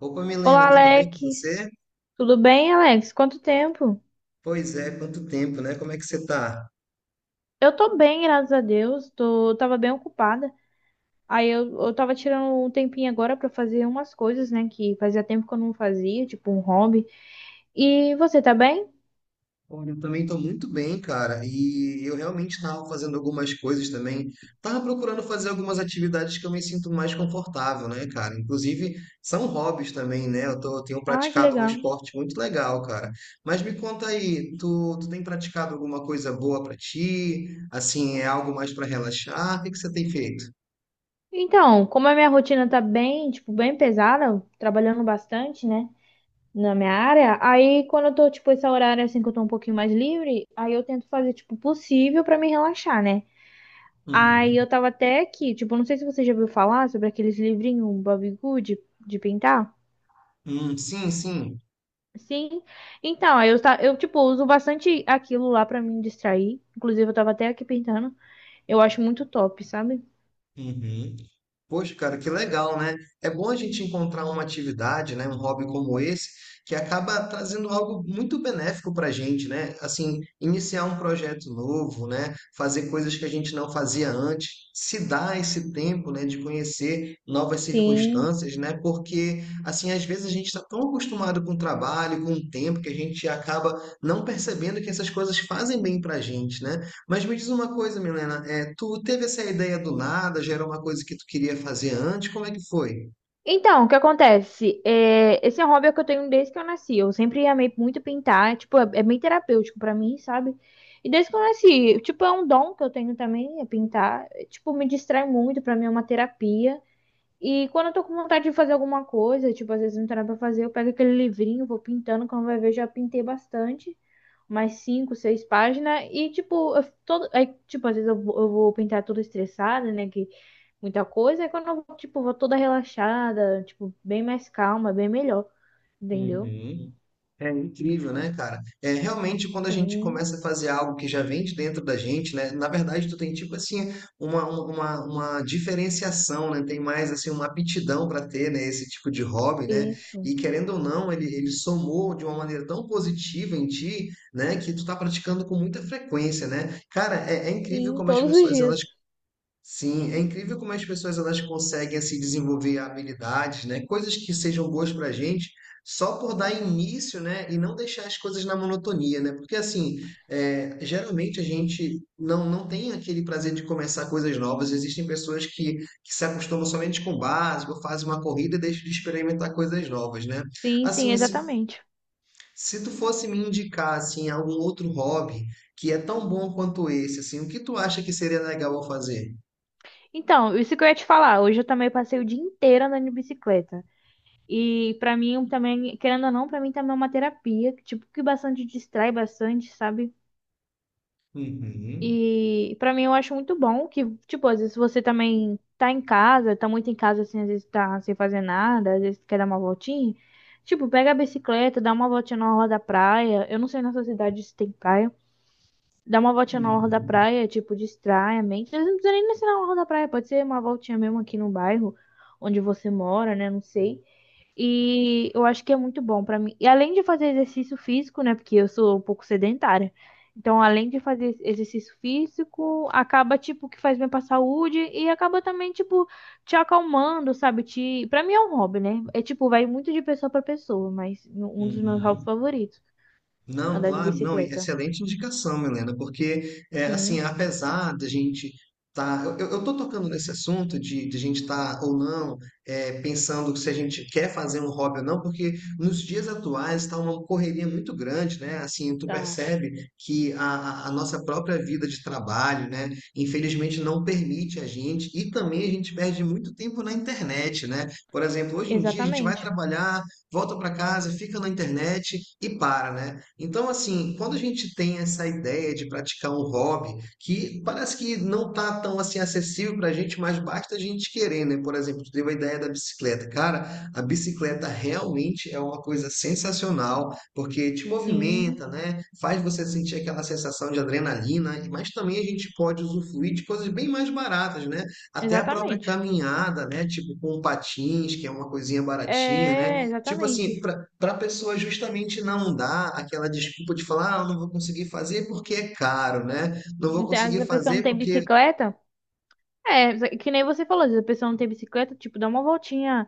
Opa, Olá, Milena, tudo bem com você? Alex. Tudo bem, Alex? Quanto tempo? Pois é, quanto tempo, né? Como é que você tá? Eu tô bem, graças a Deus. Tava bem ocupada. Aí eu tava tirando um tempinho agora pra fazer umas coisas, né, que fazia tempo que eu não fazia, tipo um hobby. E você tá bem? Olha, eu também tô muito bem, cara. E eu realmente tava fazendo algumas coisas também. Tava procurando fazer algumas atividades que eu me sinto mais confortável, né, cara? Inclusive, são hobbies também, né? Tenho Ai, que praticado um legal. esporte muito legal, cara. Mas me conta aí, tu tem praticado alguma coisa boa pra ti? Assim, é algo mais pra relaxar? O que que você tem feito? Então, como a minha rotina tá bem, tipo, bem pesada, trabalhando bastante, né, na minha área, aí quando eu tô, tipo, esse horário assim que eu tô um pouquinho mais livre, aí eu tento fazer, tipo, o possível pra me relaxar, né? Aí Uhum. eu tava até aqui, tipo, não sei se você já ouviu falar sobre aqueles livrinhos Bobbie Good de pintar. Sim, sim. Sim. Então, aí eu, tipo, uso bastante aquilo lá pra me distrair. Inclusive, eu tava até aqui pintando. Eu acho muito top, sabe? Uhum. Poxa, cara, que legal, né? É bom a gente encontrar uma atividade, né, um hobby como esse, que acaba trazendo algo muito benéfico para a gente, né? Assim, iniciar um projeto novo, né? Fazer coisas que a gente não fazia antes, se dar esse tempo, né, de conhecer novas Sim. circunstâncias, né? Porque, assim, às vezes a gente está tão acostumado com o trabalho, com o tempo, que a gente acaba não percebendo que essas coisas fazem bem para a gente, né? Mas me diz uma coisa, Milena, é, tu teve essa ideia do nada, já era uma coisa que tu queria fazer antes, como é que foi? Então, o que acontece? É, esse é um hobby que eu tenho desde que eu nasci. Eu sempre amei muito pintar. Tipo, é bem terapêutico pra mim, sabe? E desde que eu nasci, tipo, é um dom que eu tenho também, é pintar. Tipo, me distrai muito, pra mim é uma terapia. E quando eu tô com vontade de fazer alguma coisa, tipo, às vezes não tem nada pra fazer, eu pego aquele livrinho, vou pintando, quando vai ver, já pintei bastante, mais cinco, seis páginas, e tipo, eu, todo, aí, tipo, às vezes eu vou pintar tudo estressada, né, que muita coisa, aí quando eu, vou, tipo, vou toda relaxada, tipo, bem mais calma, bem melhor, entendeu? Uhum. É incrível, né, cara? É realmente quando a gente Sim, começa a fazer algo que já vem de dentro da gente, né? Na verdade, tu tem tipo assim uma diferenciação, né? Tem mais assim uma aptidão para ter, né, esse tipo de hobby, né? isso. E querendo ou não, ele somou de uma maneira tão positiva em ti, né, que tu tá praticando com muita frequência, né? Cara, é incrível Sim, como as todos os pessoas dias. elas Sim, é incrível como as pessoas elas conseguem se desenvolver habilidades, né? Coisas que sejam boas para a gente, só por dar início, né? E não deixar as coisas na monotonia, né? Porque assim, é, geralmente a gente não, não tem aquele prazer de começar coisas novas. Existem que se acostumam somente com o básico, fazem uma corrida e deixam de experimentar coisas novas, né? Sim, sim, Assim, exatamente. se tu fosse me indicar assim algum outro hobby que é tão bom quanto esse, assim, o que tu acha que seria legal eu fazer? Então, isso que eu ia te falar, hoje eu também passei o dia inteiro andando de bicicleta. E pra mim também, querendo ou não, pra mim também é uma terapia, que, tipo, que bastante distrai bastante, sabe? Uhum. E pra mim eu acho muito bom que, tipo, às vezes você também tá em casa, tá muito em casa assim, às vezes tá sem fazer nada, às vezes quer dar uma voltinha. Tipo, pega a bicicleta, dá uma voltinha na orla da praia. Eu não sei na sua cidade se tem praia. Dá uma voltinha na orla da Uhum, praia, tipo, distrai a mente. Às vezes não precisa nem ser na orla da praia, pode ser uma voltinha mesmo aqui no bairro onde você mora, né? Não sei. E eu acho que é muito bom pra mim. E além de fazer exercício físico, né? Porque eu sou um pouco sedentária. Então, além de fazer exercício físico, acaba, tipo, que faz bem pra saúde e acaba também, tipo, te acalmando, sabe? Te... Pra mim é um hobby, né? É tipo, vai muito de pessoa pra pessoa, mas um dos meus hobbies uhum. favoritos, Não, andar de claro, não, e bicicleta. excelente indicação, Milena, porque, é, assim, Sim, apesar da gente tá, eu tô tocando nesse assunto de a gente estar ou não é, pensando se a gente quer fazer um hobby ou não, porque nos dias atuais está uma correria muito grande, né? Assim, tu tá. percebe que a, a nossa própria vida de trabalho, né, infelizmente não permite a gente, e também a gente perde muito tempo na internet, né? Por exemplo, hoje em dia a gente vai Exatamente. trabalhar volta para casa, fica na internet e para, né? Então, assim, quando a gente tem essa ideia de praticar um hobby que parece que não tá tão assim acessível para a gente, mas basta a gente querer, né? Por exemplo, tu teve a ideia da bicicleta. Cara, a bicicleta realmente é uma coisa sensacional, porque te movimenta, Sim, né? Faz você sentir aquela sensação de adrenalina, mas também a gente pode usufruir de coisas bem mais baratas, né? Até a própria exatamente. caminhada, né? Tipo com patins, que é uma coisinha baratinha, né? É, Tipo assim, exatamente. para a pessoa justamente não dar aquela desculpa de falar, ah, eu não vou conseguir fazer porque é caro, né? Não vou Então, às vezes conseguir a pessoa não fazer tem porque. bicicleta. É, que nem você falou, se a pessoa não tem bicicleta, tipo, dá uma voltinha,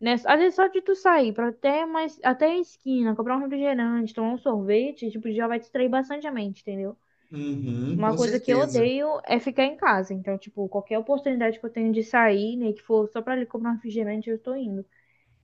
né? Às vezes só de tu sair pra até mais, até a esquina, comprar um refrigerante, tomar um sorvete, tipo, já vai distrair bastante a mente, entendeu? Uhum, Uma com coisa que eu certeza. odeio é ficar em casa. Então, tipo, qualquer oportunidade que eu tenho de sair, né, que for só pra ali comprar um refrigerante, eu tô indo,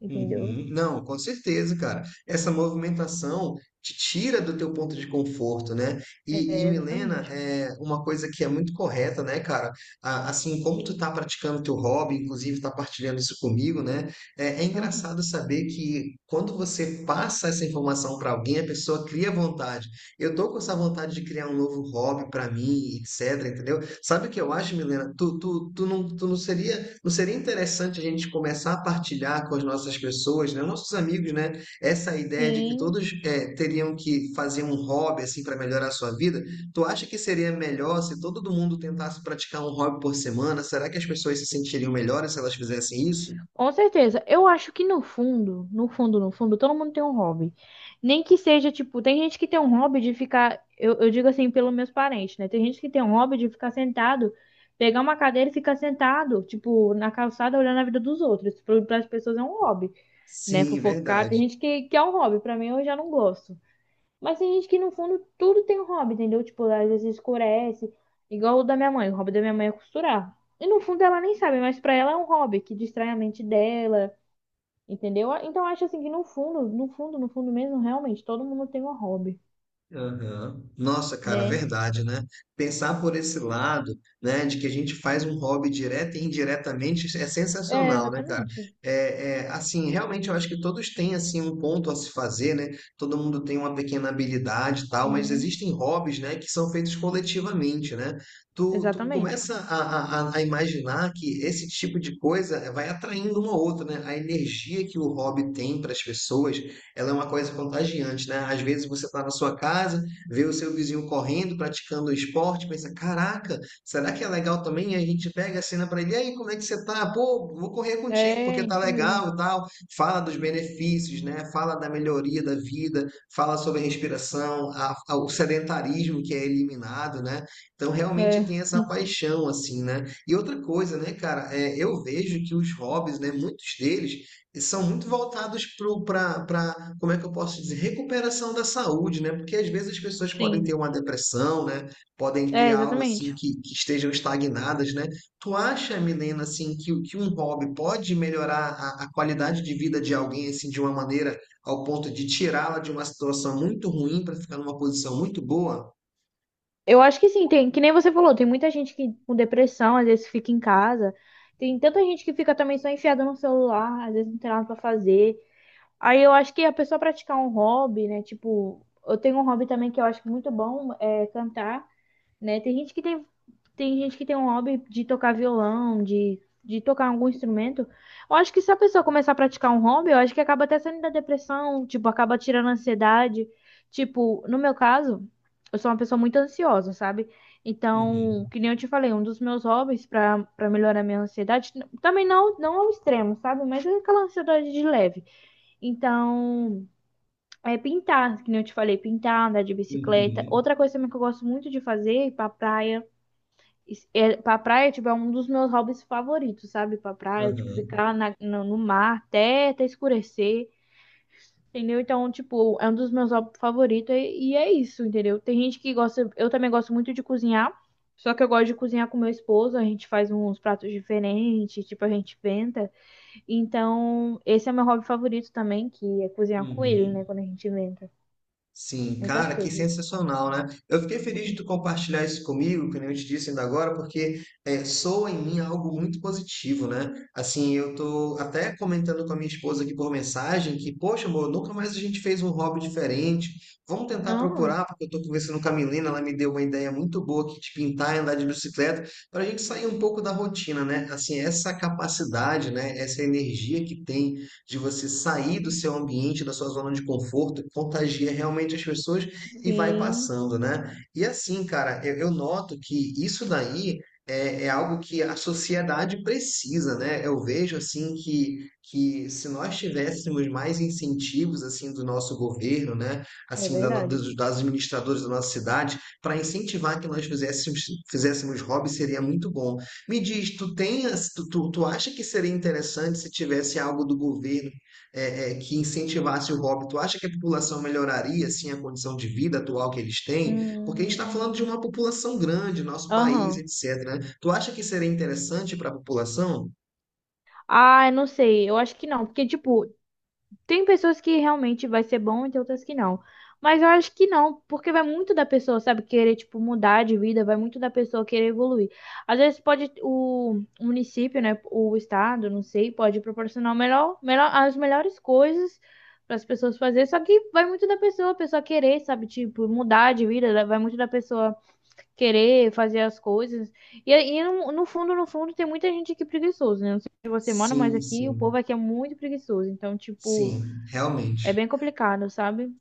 entendeu? Uhum. Não, com certeza, cara. Essa movimentação te tira do teu ponto de conforto, né? É, Milena, exatamente. é uma coisa que é muito correta, né, cara? Assim como tu tá praticando teu hobby, inclusive tá partilhando isso comigo, né? É Aham. engraçado saber que quando você passa essa informação para alguém, a pessoa cria vontade. Eu tô com essa vontade de criar um novo hobby para mim, etc, entendeu? Sabe o que eu acho, Milena? Tu não seria não seria interessante a gente começar a partilhar com as nossas pessoas, né, nossos amigos, né, essa ideia de que Sim, todos eh, teriam que fazer um hobby assim para melhorar a sua vida? Tu acha que seria melhor se todo mundo tentasse praticar um hobby por semana? Será que as pessoas se sentiriam melhores se elas fizessem isso? com certeza. Eu acho que no fundo, no fundo, no fundo, todo mundo tem um hobby. Nem que seja, tipo, tem gente que tem um hobby de ficar, eu digo assim, pelos meus parentes, né? Tem gente que tem um hobby de ficar sentado, pegar uma cadeira e ficar sentado, tipo, na calçada olhando a vida dos outros. Para as pessoas é um hobby, né? Sim, Fofocar. Tem verdade. gente que, que é um hobby. Para mim, eu já não gosto. Mas tem gente que, no fundo, tudo tem um hobby, entendeu? Tipo, às vezes escurece, igual o da minha mãe. O hobby da minha mãe é costurar. E no fundo ela nem sabe, mas pra ela é um hobby que distrai a mente dela, entendeu? Ah, então, eu acho assim que no fundo, no fundo, no fundo mesmo, realmente, todo mundo tem um hobby, Aham. Nossa, cara, né? verdade, né? Pensar por esse lado, né, de que a gente faz um hobby direta e indiretamente é É, sensacional, né, cara? exatamente. Assim, realmente eu acho que todos têm assim um ponto a se fazer, né? Todo mundo tem uma pequena habilidade e tal, mas Sim. existem hobbies, né, que são feitos coletivamente, né? Tu Exatamente. começa a a imaginar que esse tipo de coisa vai atraindo uma outra, né? A energia que o hobby tem para as pessoas ela é uma coisa contagiante, né? Às vezes você está na sua casa, vê o seu vizinho correndo, praticando esporte, pensa, caraca, será que é legal também? E a gente pega a cena para ele, e aí, como é que você tá? Pô, vou correr contigo É, porque tá isso mesmo. legal e tal. Fala dos benefícios, né? Fala da melhoria da vida, fala sobre a respiração, o sedentarismo que é eliminado, né? Então, realmente É, tem essa paixão, assim, né? E outra coisa, né, cara, é, eu vejo que os hobbies, né, muitos deles, e são muito voltados para, como é que eu posso dizer, recuperação da saúde, né? Porque às vezes as pessoas podem sim. ter uma depressão, né? Podem ter É, algo assim exatamente. Que estejam estagnadas, né? Tu acha, Milena, assim, que, que um hobby pode melhorar a qualidade de vida de alguém, assim, de uma maneira ao ponto de tirá-la de uma situação muito ruim para ficar numa posição muito boa? Eu acho que sim, tem, que nem você falou, tem muita gente que com depressão, às vezes fica em casa. Tem tanta gente que fica também só enfiada no celular, às vezes não tem nada pra fazer. Aí eu acho que a pessoa praticar um hobby, né? Tipo, eu tenho um hobby também que eu acho muito bom, é cantar. Né? Tem gente que tem, tem gente que tem um hobby de tocar violão, de tocar algum instrumento. Eu acho que se a pessoa começar a praticar um hobby, eu acho que acaba até saindo da depressão, tipo, acaba tirando a ansiedade. Tipo, no meu caso, eu sou uma pessoa muito ansiosa, sabe? Uhum, Então, que nem eu te falei, um dos meus hobbies para melhorar a minha ansiedade, também não ao extremo, sabe? Mas é aquela ansiedade de leve. Então, é pintar, que nem eu te falei, pintar, andar de bicicleta. uhum, Outra coisa também que eu gosto muito de fazer é ir pra praia. Isso- É, pra praia, tipo, é um dos meus hobbies favoritos, sabe? Pra praia, tipo, aham, ficar na, no, no mar até, até escurecer, entendeu? Então, tipo, é um dos meus hobbies favoritos e é isso, entendeu? Tem gente que gosta, eu também gosto muito de cozinhar, só que eu gosto de cozinhar com meu esposo, a gente faz uns pratos diferentes, tipo, a gente inventa. Então, esse é meu hobby favorito também, que é cozinhar com ele, uhum. né? Quando a gente inventa Sim, muitas cara, que coisas. sensacional, né? Eu fiquei feliz de tu compartilhar isso comigo, que nem eu te disse ainda agora, porque é, soa em mim algo muito positivo, né? Assim, eu tô até comentando com a minha esposa aqui por mensagem que, poxa, amor, nunca mais a gente fez um hobby diferente. Vamos tentar Ah, procurar, porque eu tô conversando com a Milena, ela me deu uma ideia muito boa aqui de pintar e andar de bicicleta, para a gente sair um pouco da rotina, né? Assim, essa capacidade, né? Essa energia que tem de você sair do seu ambiente, da sua zona de conforto, contagia realmente as pessoas e vai sim, passando, né? E assim, cara, eu noto que isso daí é, é algo que a sociedade precisa, né? Eu vejo assim que se nós tivéssemos mais incentivos assim do nosso governo, né? é Assim, da, no- verdade. dos, das administradores da nossa cidade, para incentivar que nós fizéssemos, fizéssemos hobby seria muito bom. Me diz, tu tem, as- tu, tu, tu acha que seria interessante se tivesse algo do governo que incentivasse o hobby? Tu acha que a população melhoraria assim a condição de vida atual que eles têm? Porque a gente está falando de Hum, uma população grande, nosso país, Aham. etc. né? Tu acha que seria interessante para a população? Ah, eu não sei. Eu acho que não, porque tipo, tem pessoas que realmente vai ser bom e tem outras que não. Mas eu acho que não, porque vai muito da pessoa, sabe, querer tipo mudar de vida, vai muito da pessoa querer evoluir. Às vezes pode o município, né, o estado, não sei, pode proporcionar o melhor, melhor as melhores coisas para as pessoas fazer, só que vai muito da pessoa, a pessoa querer, sabe, tipo, mudar de vida, vai muito da pessoa querer fazer as coisas. E no, no fundo, no fundo, tem muita gente aqui preguiçoso, né? Não sei se você mora, mas Sim, aqui o sim, povo aqui é muito preguiçoso. Então, tipo, sim, é realmente. bem complicado, sabe?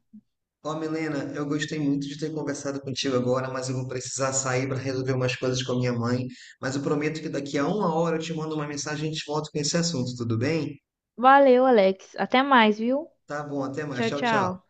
Ó, Milena, eu gostei muito de ter conversado contigo agora, mas eu vou precisar sair para resolver umas coisas com a minha mãe. Mas eu prometo que daqui a uma hora eu te mando uma mensagem e a gente volta com esse assunto, tudo bem? Valeu, Alex. Até mais, viu? Tá bom, até mais. Tchau, Tchau, tchau. tchau.